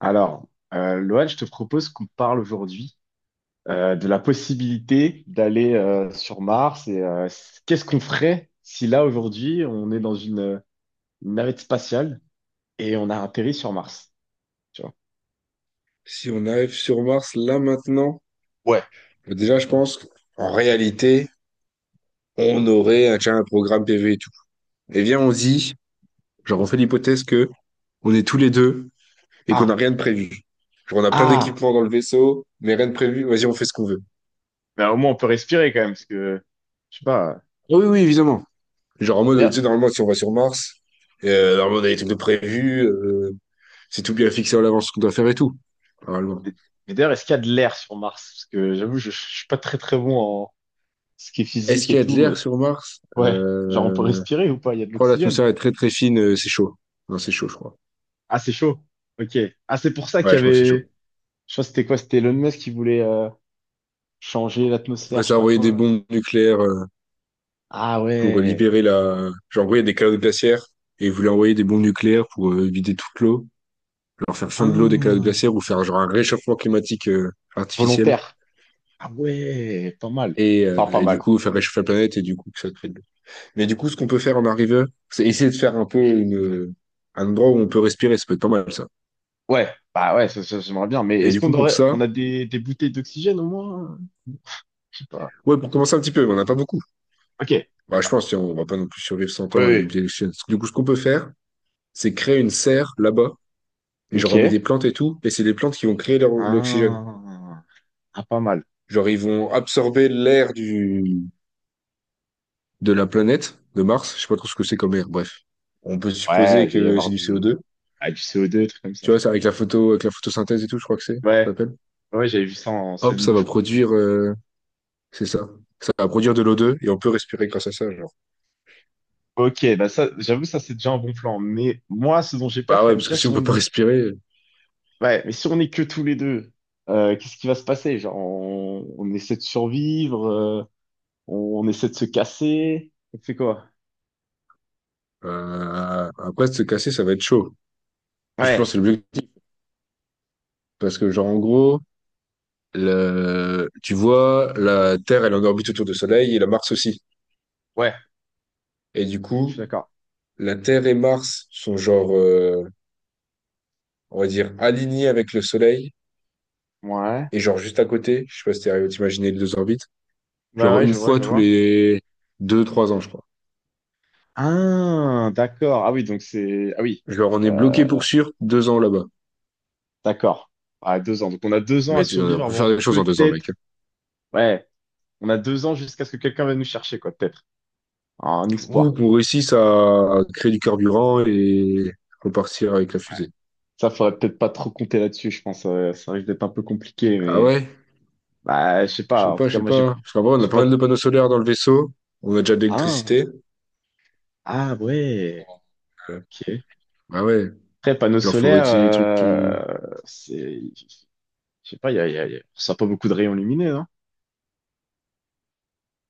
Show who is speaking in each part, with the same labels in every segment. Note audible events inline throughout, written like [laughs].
Speaker 1: Alors, Loan, je te propose qu'on parle aujourd'hui de la possibilité d'aller sur Mars et qu'est-ce qu'on ferait si là, aujourd'hui, on est dans une navette spatiale et on a atterri sur Mars, tu vois.
Speaker 2: Si on arrive sur Mars là maintenant,
Speaker 1: Ouais.
Speaker 2: déjà je pense qu'en réalité, on aurait un, tiens, un programme PV et tout. Et bien on se dit, genre on fait l'hypothèse que on est tous les deux et qu'on
Speaker 1: Ah,
Speaker 2: n'a rien de prévu. Genre on a plein
Speaker 1: ah,
Speaker 2: d'équipements dans le vaisseau, mais rien de prévu, vas-y on fait ce qu'on veut.
Speaker 1: ben, au moins on peut respirer quand même, parce que, je sais pas,
Speaker 2: Oui, oui, évidemment. Genre en mode, tu sais,
Speaker 1: d'ailleurs-
Speaker 2: normalement si on va sur Mars, normalement on a des trucs de prévus, c'est tout bien fixé à l'avance ce qu'on doit faire et tout. Normalement.
Speaker 1: mais d'ailleurs, est-ce qu'il y a de l'air sur Mars? Parce que j'avoue, je suis pas très très bon en ce qui est
Speaker 2: Est-ce
Speaker 1: physique
Speaker 2: qu'il
Speaker 1: et
Speaker 2: y a de
Speaker 1: tout,
Speaker 2: l'air
Speaker 1: mais
Speaker 2: sur Mars?
Speaker 1: ouais, genre on peut respirer ou pas? Il y a de
Speaker 2: Oh,
Speaker 1: l'oxygène.
Speaker 2: l'atmosphère est très très fine, c'est chaud. Non, c'est chaud, je crois.
Speaker 1: Ah, c'est chaud. Ok. Ah, c'est pour ça qu'il
Speaker 2: Ouais,
Speaker 1: y
Speaker 2: je crois que c'est
Speaker 1: avait.
Speaker 2: chaud.
Speaker 1: Je sais que c'était quoi? C'était Elon Musk qui voulait changer
Speaker 2: Ouais,
Speaker 1: l'atmosphère, je
Speaker 2: ça
Speaker 1: sais
Speaker 2: a
Speaker 1: pas
Speaker 2: envoyé des
Speaker 1: quoi.
Speaker 2: bombes nucléaires
Speaker 1: Ah
Speaker 2: pour
Speaker 1: ouais.
Speaker 2: libérer la. Genre, oui, il y a des calottes glaciaires et ils voulaient envoyer des bombes nucléaires pour vider toute l'eau, leur faire fondre l'eau des calottes
Speaker 1: Ah.
Speaker 2: glaciaires ou faire genre un réchauffement climatique artificiel
Speaker 1: Volontaire. Ah ouais, pas mal. Enfin, pas
Speaker 2: et du
Speaker 1: mal.
Speaker 2: coup faire réchauffer la planète et du coup que ça crée de l'eau. Mais du coup, ce qu'on peut faire en arrivant, c'est essayer de faire un peu une un endroit où on peut respirer. Ça peut être pas mal ça.
Speaker 1: Ouais, bah ouais, ça, j'aimerais bien. Mais
Speaker 2: Et
Speaker 1: est-ce
Speaker 2: du
Speaker 1: qu'on
Speaker 2: coup, pour
Speaker 1: aurait,
Speaker 2: ça,
Speaker 1: on a des bouteilles d'oxygène au moins? Je sais pas.
Speaker 2: ouais, pour commencer un petit peu, mais on n'a pas beaucoup.
Speaker 1: Ok,
Speaker 2: Bah, je
Speaker 1: d'accord.
Speaker 2: pense qu'on on va pas non plus survivre 100 ans avec des
Speaker 1: Oui,
Speaker 2: billets d'exchange. Du coup, ce qu'on peut faire, c'est créer une serre là-bas et
Speaker 1: oui.
Speaker 2: j'en remets des
Speaker 1: Ok.
Speaker 2: plantes et tout, et c'est les plantes qui vont créer leur l'oxygène.
Speaker 1: Ah, ah, pas mal.
Speaker 2: Genre, ils vont absorber l'air du, de la planète, de Mars, je sais pas trop ce que c'est comme air, bref. On peut
Speaker 1: Ouais,
Speaker 2: supposer
Speaker 1: il doit y
Speaker 2: que
Speaker 1: avoir
Speaker 2: c'est du
Speaker 1: du,
Speaker 2: CO2.
Speaker 1: ah, du CO2, des trucs comme ça.
Speaker 2: Tu vois, c'est avec la photo, avec la photosynthèse et tout, je crois que c'est, ça
Speaker 1: Ouais,
Speaker 2: s'appelle.
Speaker 1: ouais, j'avais vu ça en
Speaker 2: Hop,
Speaker 1: scène
Speaker 2: ça
Speaker 1: de.
Speaker 2: va produire, c'est ça. Ça va produire de l'O2 et on peut respirer grâce à ça, genre.
Speaker 1: Ok, bah ça, j'avoue, ça c'est déjà un bon plan. Mais moi, ce dont j'ai peur
Speaker 2: Bah
Speaker 1: quand
Speaker 2: ouais,
Speaker 1: même,
Speaker 2: parce
Speaker 1: déjà,
Speaker 2: que si
Speaker 1: si
Speaker 2: on peut
Speaker 1: on
Speaker 2: pas
Speaker 1: est.
Speaker 2: respirer,
Speaker 1: Ouais, mais si on est que tous les deux, qu'est-ce qui va se passer? Genre, on essaie de survivre, on essaie de se casser, on fait quoi?
Speaker 2: après de se casser, ça va être chaud. Je pense que
Speaker 1: Ouais,
Speaker 2: c'est l'objectif. Parce que, genre, en gros, le tu vois, la Terre, elle est en orbite autour du Soleil et la Mars aussi.
Speaker 1: ouais,
Speaker 2: Et du
Speaker 1: je suis
Speaker 2: coup,
Speaker 1: d'accord.
Speaker 2: la Terre et Mars sont genre, on va dire, alignés avec le Soleil
Speaker 1: Ouais,
Speaker 2: et genre juste à côté. Je sais pas si t'es arrivé à t'imaginer les deux orbites.
Speaker 1: ouais,
Speaker 2: Genre
Speaker 1: ouais,
Speaker 2: une fois
Speaker 1: je
Speaker 2: tous
Speaker 1: vois.
Speaker 2: les deux, trois ans, je crois.
Speaker 1: Ah, d'accord. Ah oui, donc c'est... Ah oui,
Speaker 2: Genre on est bloqué
Speaker 1: euh,
Speaker 2: pour sûr deux ans là-bas.
Speaker 1: d'accord. Ah, deux ans. Donc on a 2 ans à
Speaker 2: Mais tu on
Speaker 1: survivre
Speaker 2: peut faire
Speaker 1: avant
Speaker 2: des choses en deux ans, mec.
Speaker 1: peut-être... Ouais, on a deux ans jusqu'à ce que quelqu'un vienne nous chercher, quoi, peut-être. Un
Speaker 2: Ou
Speaker 1: espoir.
Speaker 2: qu'on réussisse à créer du carburant et repartir avec la
Speaker 1: Ouais.
Speaker 2: fusée.
Speaker 1: Ça, faudrait peut-être pas trop compter là-dessus, je pense. Ça risque d'être un peu compliqué,
Speaker 2: Ah
Speaker 1: mais...
Speaker 2: ouais?
Speaker 1: Bah, je sais
Speaker 2: Je sais
Speaker 1: pas. En
Speaker 2: pas,
Speaker 1: tout
Speaker 2: je
Speaker 1: cas,
Speaker 2: sais
Speaker 1: moi,
Speaker 2: pas. Parce qu'en vrai, on
Speaker 1: j'ai
Speaker 2: a pas
Speaker 1: pas.
Speaker 2: mal de panneaux solaires dans le vaisseau. On a déjà de
Speaker 1: Ah,
Speaker 2: l'électricité.
Speaker 1: ah ouais.
Speaker 2: Euh,
Speaker 1: Ok.
Speaker 2: Ah ouais,
Speaker 1: Après, panneau
Speaker 2: genre faut
Speaker 1: solaire,
Speaker 2: retirer les trucs qui...
Speaker 1: c'est, je sais pas. Il on sent pas beaucoup de rayons lumineux, hein.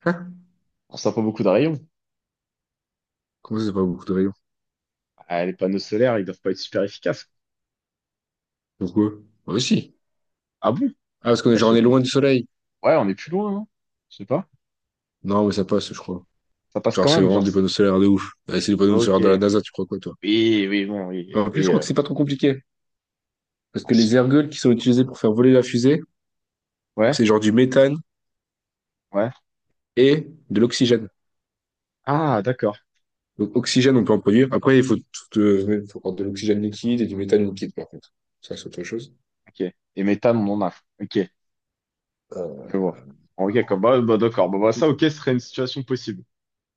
Speaker 2: [laughs]
Speaker 1: On sent pas beaucoup de rayons.
Speaker 2: Comment ça, c'est pas beaucoup de rayons?
Speaker 1: Ah, les panneaux solaires, ils doivent pas être super efficaces.
Speaker 2: Pourquoi? Bah, si.
Speaker 1: Ah bon?
Speaker 2: Ah, parce qu'on est,
Speaker 1: Bah, je
Speaker 2: genre, on
Speaker 1: sais
Speaker 2: est
Speaker 1: pas.
Speaker 2: loin du soleil.
Speaker 1: Ouais, on est plus loin, hein. Je sais pas.
Speaker 2: Non, mais ça passe, je crois.
Speaker 1: Ça passe
Speaker 2: Genre,
Speaker 1: quand
Speaker 2: c'est
Speaker 1: même,
Speaker 2: vraiment
Speaker 1: genre.
Speaker 2: des
Speaker 1: c'est-
Speaker 2: panneaux solaires de ouf. Ouais, c'est des panneaux solaires de la
Speaker 1: Ok.
Speaker 2: NASA, tu crois quoi, toi?
Speaker 1: Oui, oui, bon, oui,
Speaker 2: Bah, en plus, je
Speaker 1: oui.
Speaker 2: crois que c'est pas trop compliqué. Parce
Speaker 1: On
Speaker 2: que
Speaker 1: s-
Speaker 2: les ergols qui sont utilisés pour faire voler la fusée,
Speaker 1: Ouais,
Speaker 2: c'est genre du méthane
Speaker 1: ouais.
Speaker 2: et de l'oxygène.
Speaker 1: Ah, d'accord.
Speaker 2: Donc, oxygène, on peut en produire. Après, il faut, tout, il faut prendre de l'oxygène liquide et du méthane liquide, par contre. Ça, c'est autre chose.
Speaker 1: Ok. Et méthane, on en a. Ok.
Speaker 2: Euh,
Speaker 1: Je vois. Ok,
Speaker 2: alors,
Speaker 1: comme
Speaker 2: quand
Speaker 1: bah,
Speaker 2: tu
Speaker 1: bah, d'accord. Bah, ça,
Speaker 2: écoute,
Speaker 1: ok, ce
Speaker 2: on
Speaker 1: serait une situation possible.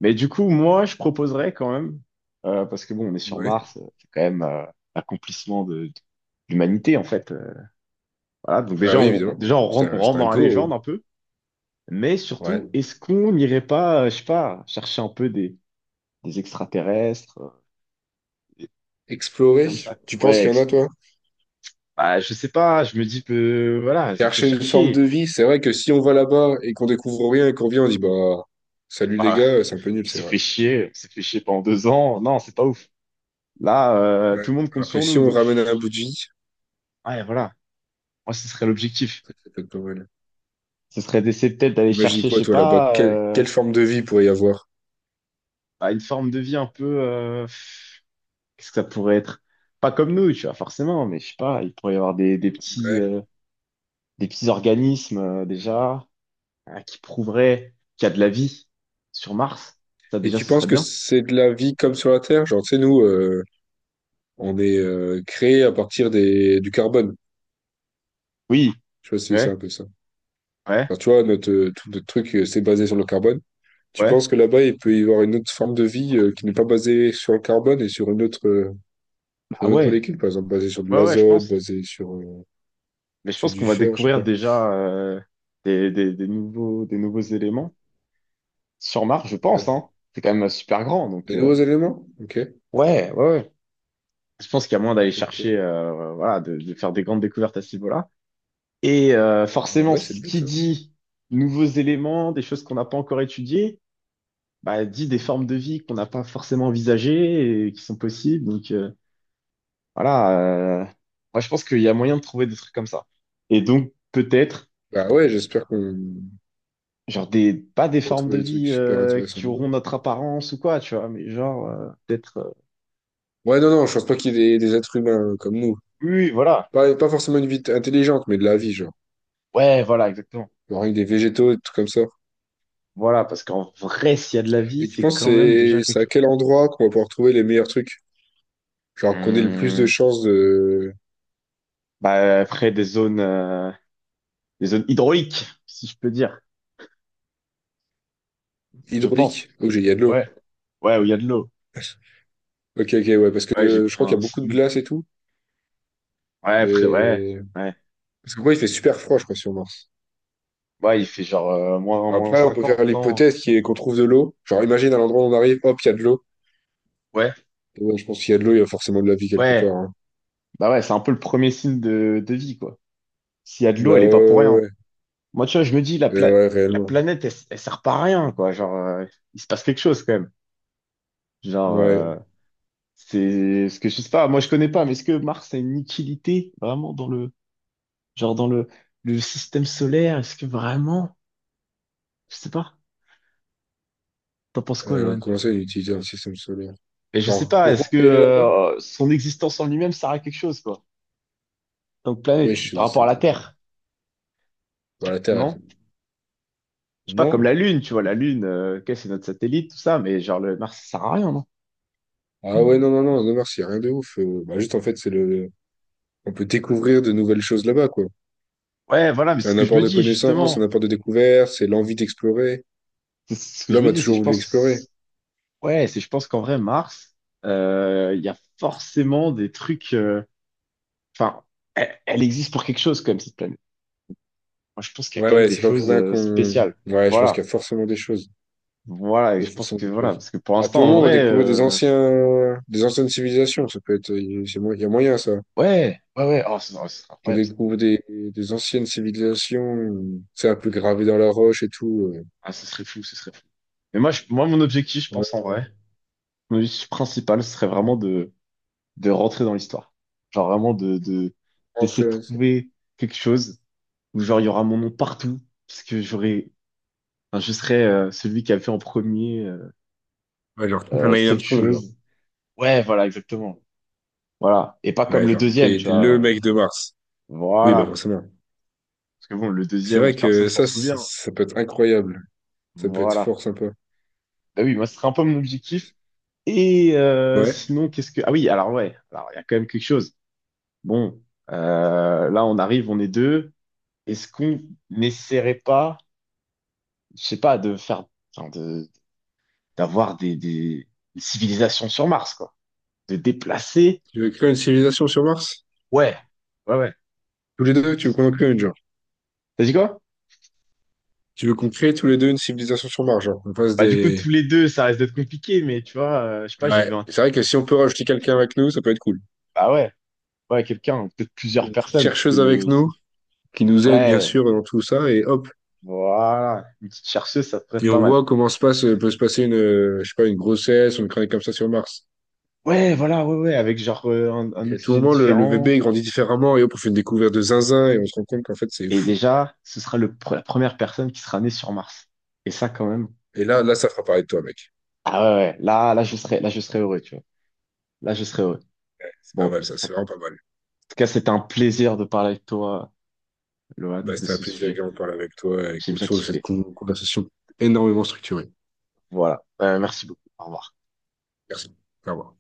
Speaker 1: Mais du coup, moi, je proposerais quand même, parce que bon, on est sur
Speaker 2: Ouais.
Speaker 1: Mars, c'est quand même l'accomplissement de l'humanité, en fait. Voilà, donc
Speaker 2: Ah
Speaker 1: déjà,
Speaker 2: oui, évidemment.
Speaker 1: on
Speaker 2: C'est
Speaker 1: rentre
Speaker 2: un
Speaker 1: dans la
Speaker 2: go, hein.
Speaker 1: légende un peu, mais
Speaker 2: Ouais.
Speaker 1: surtout, est-ce qu'on n'irait pas, je sais pas, chercher un peu des extraterrestres, des trucs
Speaker 2: Explorer.
Speaker 1: comme ça. Quoi.
Speaker 2: Tu penses qu'il y en a, toi?
Speaker 1: Bah, je sais pas, je me dis que, voilà, ça peut
Speaker 2: Chercher une forme de
Speaker 1: chercher.
Speaker 2: vie, c'est vrai que si on va là-bas et qu'on découvre rien et qu'on vient, on dit bah salut les
Speaker 1: Bah,
Speaker 2: gars, c'est un peu nul, c'est vrai.
Speaker 1: on s'est fait chier pendant 2 ans, non, c'est pas ouf. Là,
Speaker 2: Ouais.
Speaker 1: tout le monde compte
Speaker 2: Alors que
Speaker 1: sur
Speaker 2: si
Speaker 1: nous,
Speaker 2: on
Speaker 1: donc,
Speaker 2: ramène un bout de vie,
Speaker 1: ouais, voilà, moi, ce serait l'objectif.
Speaker 2: ça c'est peut-être pas mal.
Speaker 1: Ce serait d'essayer peut-être d'aller
Speaker 2: Imagine
Speaker 1: chercher, je
Speaker 2: quoi
Speaker 1: sais
Speaker 2: toi là-bas?
Speaker 1: pas,
Speaker 2: Quelle, quelle forme de vie pourrait y avoir?
Speaker 1: à une forme de vie un peu. Qu'est-ce que ça pourrait être? Pas comme nous, tu vois, forcément, mais je sais pas, il pourrait y avoir
Speaker 2: Ouais.
Speaker 1: des petits organismes déjà qui prouveraient qu'il y a de la vie sur Mars. Ça,
Speaker 2: Et
Speaker 1: déjà,
Speaker 2: tu
Speaker 1: ce
Speaker 2: penses
Speaker 1: serait
Speaker 2: que
Speaker 1: bien.
Speaker 2: c'est de la vie comme sur la Terre? Genre, tu sais, nous, on est créé à partir des, du carbone.
Speaker 1: Oui,
Speaker 2: Tu vois, c'est
Speaker 1: ouais,
Speaker 2: un peu ça.
Speaker 1: ouais,
Speaker 2: Enfin, tu vois, notre, tout notre truc, c'est basé sur le carbone. Tu
Speaker 1: ouais.
Speaker 2: penses que là-bas, il peut y avoir une autre forme de vie qui n'est pas basée sur le carbone et sur une autre, sur
Speaker 1: Ah
Speaker 2: d'autres
Speaker 1: ouais,
Speaker 2: molécules, par exemple, basées sur de
Speaker 1: ouais, ouais, je
Speaker 2: l'azote,
Speaker 1: pense.
Speaker 2: basées sur,
Speaker 1: Mais je
Speaker 2: sur
Speaker 1: pense qu'on
Speaker 2: du
Speaker 1: va
Speaker 2: fer, je sais
Speaker 1: découvrir
Speaker 2: pas.
Speaker 1: déjà des nouveaux éléments sur Mars, je pense,
Speaker 2: Ouais.
Speaker 1: hein. C'est quand même super grand, donc.
Speaker 2: Des nouveaux éléments? Ok,
Speaker 1: Ouais, ouais, ouais. Je pense qu'il y a moyen d'aller
Speaker 2: ok, ok.
Speaker 1: chercher, voilà, de faire des grandes découvertes à ce niveau-là. Et
Speaker 2: Ah
Speaker 1: forcément,
Speaker 2: ouais, c'est le
Speaker 1: ce qui
Speaker 2: but, hein.
Speaker 1: dit nouveaux éléments, des choses qu'on n'a pas encore étudiées, bah, dit des formes de vie qu'on n'a pas forcément envisagées et qui sont possibles. Donc voilà, moi je pense qu'il y a moyen de trouver des trucs comme ça. Et donc peut-être,
Speaker 2: Bah ouais, j'espère qu'on
Speaker 1: pas des formes
Speaker 2: retrouve
Speaker 1: de
Speaker 2: des trucs
Speaker 1: vie
Speaker 2: super intéressants
Speaker 1: qui auront
Speaker 2: là-bas.
Speaker 1: notre apparence ou quoi, tu vois, mais genre
Speaker 2: Ouais, non, non, je pense pas qu'il y ait des êtres humains comme nous.
Speaker 1: oui, oui, voilà,
Speaker 2: Pas, pas forcément une vie intelligente, mais de la vie, genre.
Speaker 1: ouais, voilà, exactement.
Speaker 2: Genre avec des végétaux et tout comme ça.
Speaker 1: Voilà, parce qu'en vrai, s'il y a de la vie,
Speaker 2: Et tu
Speaker 1: c'est
Speaker 2: penses
Speaker 1: quand même déjà
Speaker 2: c'est
Speaker 1: quelque
Speaker 2: c'est à
Speaker 1: chose.
Speaker 2: quel endroit qu'on va pouvoir trouver les meilleurs trucs? Genre qu'on ait le plus de
Speaker 1: Hum,
Speaker 2: chances de
Speaker 1: bah, elle ferait des zones hydrauliques, si je peux dire, je pense.
Speaker 2: hydraulique? Ok, il y a de l'eau.
Speaker 1: Ouais, ouais, où il y a de l'eau.
Speaker 2: [laughs] Ok, ok, ouais, parce
Speaker 1: Ouais, j'ai
Speaker 2: que je
Speaker 1: pris
Speaker 2: crois qu'il y
Speaker 1: un
Speaker 2: a beaucoup de
Speaker 1: simili.
Speaker 2: glace et tout,
Speaker 1: Ouais, après, ouais,
Speaker 2: mais
Speaker 1: ouais.
Speaker 2: parce que quoi, il fait super froid, je crois, sur Mars.
Speaker 1: Ouais, il fait genre euh, moins
Speaker 2: Après, on peut
Speaker 1: 50
Speaker 2: faire
Speaker 1: non?
Speaker 2: l'hypothèse qui est qu'on trouve de l'eau. Genre, imagine à l'endroit où on arrive, hop, il y a de l'eau.
Speaker 1: Ouais,
Speaker 2: Ouais, je pense qu'il y a de l'eau, il y a forcément de la vie quelque
Speaker 1: ouais.
Speaker 2: part, hein.
Speaker 1: Bah ouais, c'est un peu le premier signe de vie, quoi. S'il y a de
Speaker 2: Bah
Speaker 1: l'eau,
Speaker 2: ouais,
Speaker 1: elle est pas pour
Speaker 2: ouais,
Speaker 1: rien.
Speaker 2: ouais,
Speaker 1: Moi, tu vois, je me dis, la, pla-
Speaker 2: Ouais,
Speaker 1: la
Speaker 2: réellement.
Speaker 1: planète, elle sert pas à rien, quoi. Genre, il se passe quelque chose, quand même. Genre,
Speaker 2: Ouais.
Speaker 1: c'est ce que je sais pas. Moi, je connais pas, mais est-ce que Mars a une utilité vraiment dans le. Genre dans le, le système solaire, est-ce que vraiment? Je sais pas. T'en penses quoi, Loan?
Speaker 2: Comment ça, utiliser un système solaire?
Speaker 1: Mais je sais
Speaker 2: Genre,
Speaker 1: pas,
Speaker 2: pourquoi
Speaker 1: est-ce que
Speaker 2: on peut y aller là-bas?
Speaker 1: son existence en lui-même sert à quelque chose, quoi? En tant que
Speaker 2: Oui,
Speaker 1: planète, par
Speaker 2: je
Speaker 1: rapport à
Speaker 2: sais.
Speaker 1: la Terre,
Speaker 2: Bah, la Terre,
Speaker 1: non?
Speaker 2: elle.
Speaker 1: Je sais pas, comme
Speaker 2: Non.
Speaker 1: la Lune, tu vois, la Lune, ok, c'est notre satellite, tout ça, mais genre le Mars, ça sert à rien, non?
Speaker 2: Ah ouais, non, non, non, non, merci, rien de ouf. Bah, juste, en fait, c'est le. On peut découvrir de nouvelles choses là-bas, quoi.
Speaker 1: Ouais, voilà, mais
Speaker 2: C'est
Speaker 1: c'est ce
Speaker 2: un
Speaker 1: que je
Speaker 2: apport
Speaker 1: me
Speaker 2: de
Speaker 1: dis,
Speaker 2: connaissances, un
Speaker 1: justement.
Speaker 2: apport de découverte, c'est l'envie d'explorer.
Speaker 1: C'est ce que je
Speaker 2: L'homme
Speaker 1: me
Speaker 2: a
Speaker 1: dis, c'est
Speaker 2: toujours
Speaker 1: je
Speaker 2: voulu explorer.
Speaker 1: pense. Ouais, c'est je pense qu'en vrai, Mars, il y a forcément des trucs. Enfin, elle existe pour quelque chose, quand même, cette planète. Moi, je pense qu'il y a
Speaker 2: Ouais,
Speaker 1: quand même
Speaker 2: ouais,
Speaker 1: des
Speaker 2: c'est pas pour
Speaker 1: choses
Speaker 2: rien qu'on.
Speaker 1: spéciales.
Speaker 2: Ouais, je pense qu'il
Speaker 1: Voilà.
Speaker 2: y a forcément des choses.
Speaker 1: Voilà. Et
Speaker 2: Il y
Speaker 1: je
Speaker 2: a
Speaker 1: pense
Speaker 2: forcément
Speaker 1: que
Speaker 2: des
Speaker 1: voilà.
Speaker 2: choses.
Speaker 1: Parce que pour
Speaker 2: À tout
Speaker 1: l'instant, en
Speaker 2: moment, on va
Speaker 1: vrai,
Speaker 2: découvrir des anciens, des anciennes civilisations. Ça peut être, c'est mo- il y a moyen, ça.
Speaker 1: ouais, ouais, ouais. Oh, ce serait
Speaker 2: On
Speaker 1: incroyable. Ça.
Speaker 2: découvre des anciennes civilisations, c'est un peu gravé dans la roche et tout,
Speaker 1: Ah, ce serait fou, ce serait fou. Mais moi, mon objectif, je
Speaker 2: Ouais,
Speaker 1: pense en vrai, mon objectif principal, ce serait vraiment de rentrer dans l'histoire. Genre vraiment d'essayer
Speaker 2: rentrer
Speaker 1: de
Speaker 2: là, ça.
Speaker 1: trouver quelque chose où genre il y aura mon nom partout. Parce que j'aurais, enfin, je serais celui qui a fait en premier
Speaker 2: Ouais, genre, un Neil
Speaker 1: cette
Speaker 2: Armstrong, genre.
Speaker 1: chose. Ouais, voilà, exactement. Voilà. Et pas
Speaker 2: Ouais,
Speaker 1: comme le
Speaker 2: genre,
Speaker 1: deuxième,
Speaker 2: t'es,
Speaker 1: tu
Speaker 2: t'es le
Speaker 1: vois.
Speaker 2: mec de Mars. Oui, bah,
Speaker 1: Voilà.
Speaker 2: forcément.
Speaker 1: Parce que bon, le
Speaker 2: C'est
Speaker 1: deuxième,
Speaker 2: vrai
Speaker 1: personne
Speaker 2: que
Speaker 1: s'en
Speaker 2: ça, c'est
Speaker 1: souvient.
Speaker 2: ça peut être incroyable. Ça peut être
Speaker 1: Voilà.
Speaker 2: fort sympa.
Speaker 1: Bah oui, moi, ce serait un peu mon objectif. Et
Speaker 2: Ouais.
Speaker 1: sinon, qu'est-ce que... Ah oui, alors ouais, alors il y a quand même quelque chose. Bon, là, on arrive, on est deux. Est-ce qu'on n'essaierait pas, je sais pas, de faire, enfin, d'avoir des civilisations sur Mars, quoi. De déplacer.
Speaker 2: Tu veux créer une civilisation sur Mars?
Speaker 1: Ouais, ouais, ouais.
Speaker 2: Tous les deux, tu veux qu'on en crée une, genre.
Speaker 1: T'as dit quoi?
Speaker 2: Tu veux qu'on crée tous les deux une civilisation sur Mars, genre, on fasse
Speaker 1: Bah du coup,
Speaker 2: des...
Speaker 1: tous les deux, ça reste d'être compliqué, mais tu vois, je sais pas, j'ai vu
Speaker 2: Ouais,
Speaker 1: un...
Speaker 2: c'est vrai que si on peut rajouter quelqu'un avec nous, ça peut être cool.
Speaker 1: Bah ouais, ouais, quelqu'un, peut-être plusieurs
Speaker 2: Une petite
Speaker 1: personnes, parce
Speaker 2: chercheuse avec
Speaker 1: que...
Speaker 2: nous,
Speaker 1: si-
Speaker 2: qui nous aide bien
Speaker 1: Ouais.
Speaker 2: sûr dans tout ça, et hop,
Speaker 1: Voilà, une petite chercheuse, ça te prête
Speaker 2: et on
Speaker 1: pas mal.
Speaker 2: voit comment se passe, peut se passer une, je sais pas, une grossesse, une chronique comme ça sur Mars.
Speaker 1: Ouais, voilà, ouais, ouais, avec genre un
Speaker 2: Et à tout
Speaker 1: oxygène
Speaker 2: moment, le
Speaker 1: différent.
Speaker 2: bébé grandit différemment, et hop, on fait une découverte de zinzin, et on se rend compte qu'en fait, c'est
Speaker 1: Et
Speaker 2: fou.
Speaker 1: déjà, ce sera la première personne qui sera née sur Mars. Et ça, quand même.
Speaker 2: Et là, là, ça fera parler de toi, mec.
Speaker 1: Ah ouais, ouais, là, je serais heureux, tu vois. Là, je serais heureux.
Speaker 2: C'est pas
Speaker 1: Bon,
Speaker 2: mal,
Speaker 1: en
Speaker 2: ça, c'est vraiment pas mal.
Speaker 1: tout cas, c'était un plaisir de parler avec toi, Lohan,
Speaker 2: Bah,
Speaker 1: de
Speaker 2: c'était un
Speaker 1: ce
Speaker 2: plaisir
Speaker 1: sujet.
Speaker 2: également de parler avec toi, et
Speaker 1: J'ai bien
Speaker 2: autour de cette
Speaker 1: kiffé.
Speaker 2: con- conversation énormément structurée.
Speaker 1: Voilà. Merci beaucoup. Au revoir.
Speaker 2: Merci. Au revoir.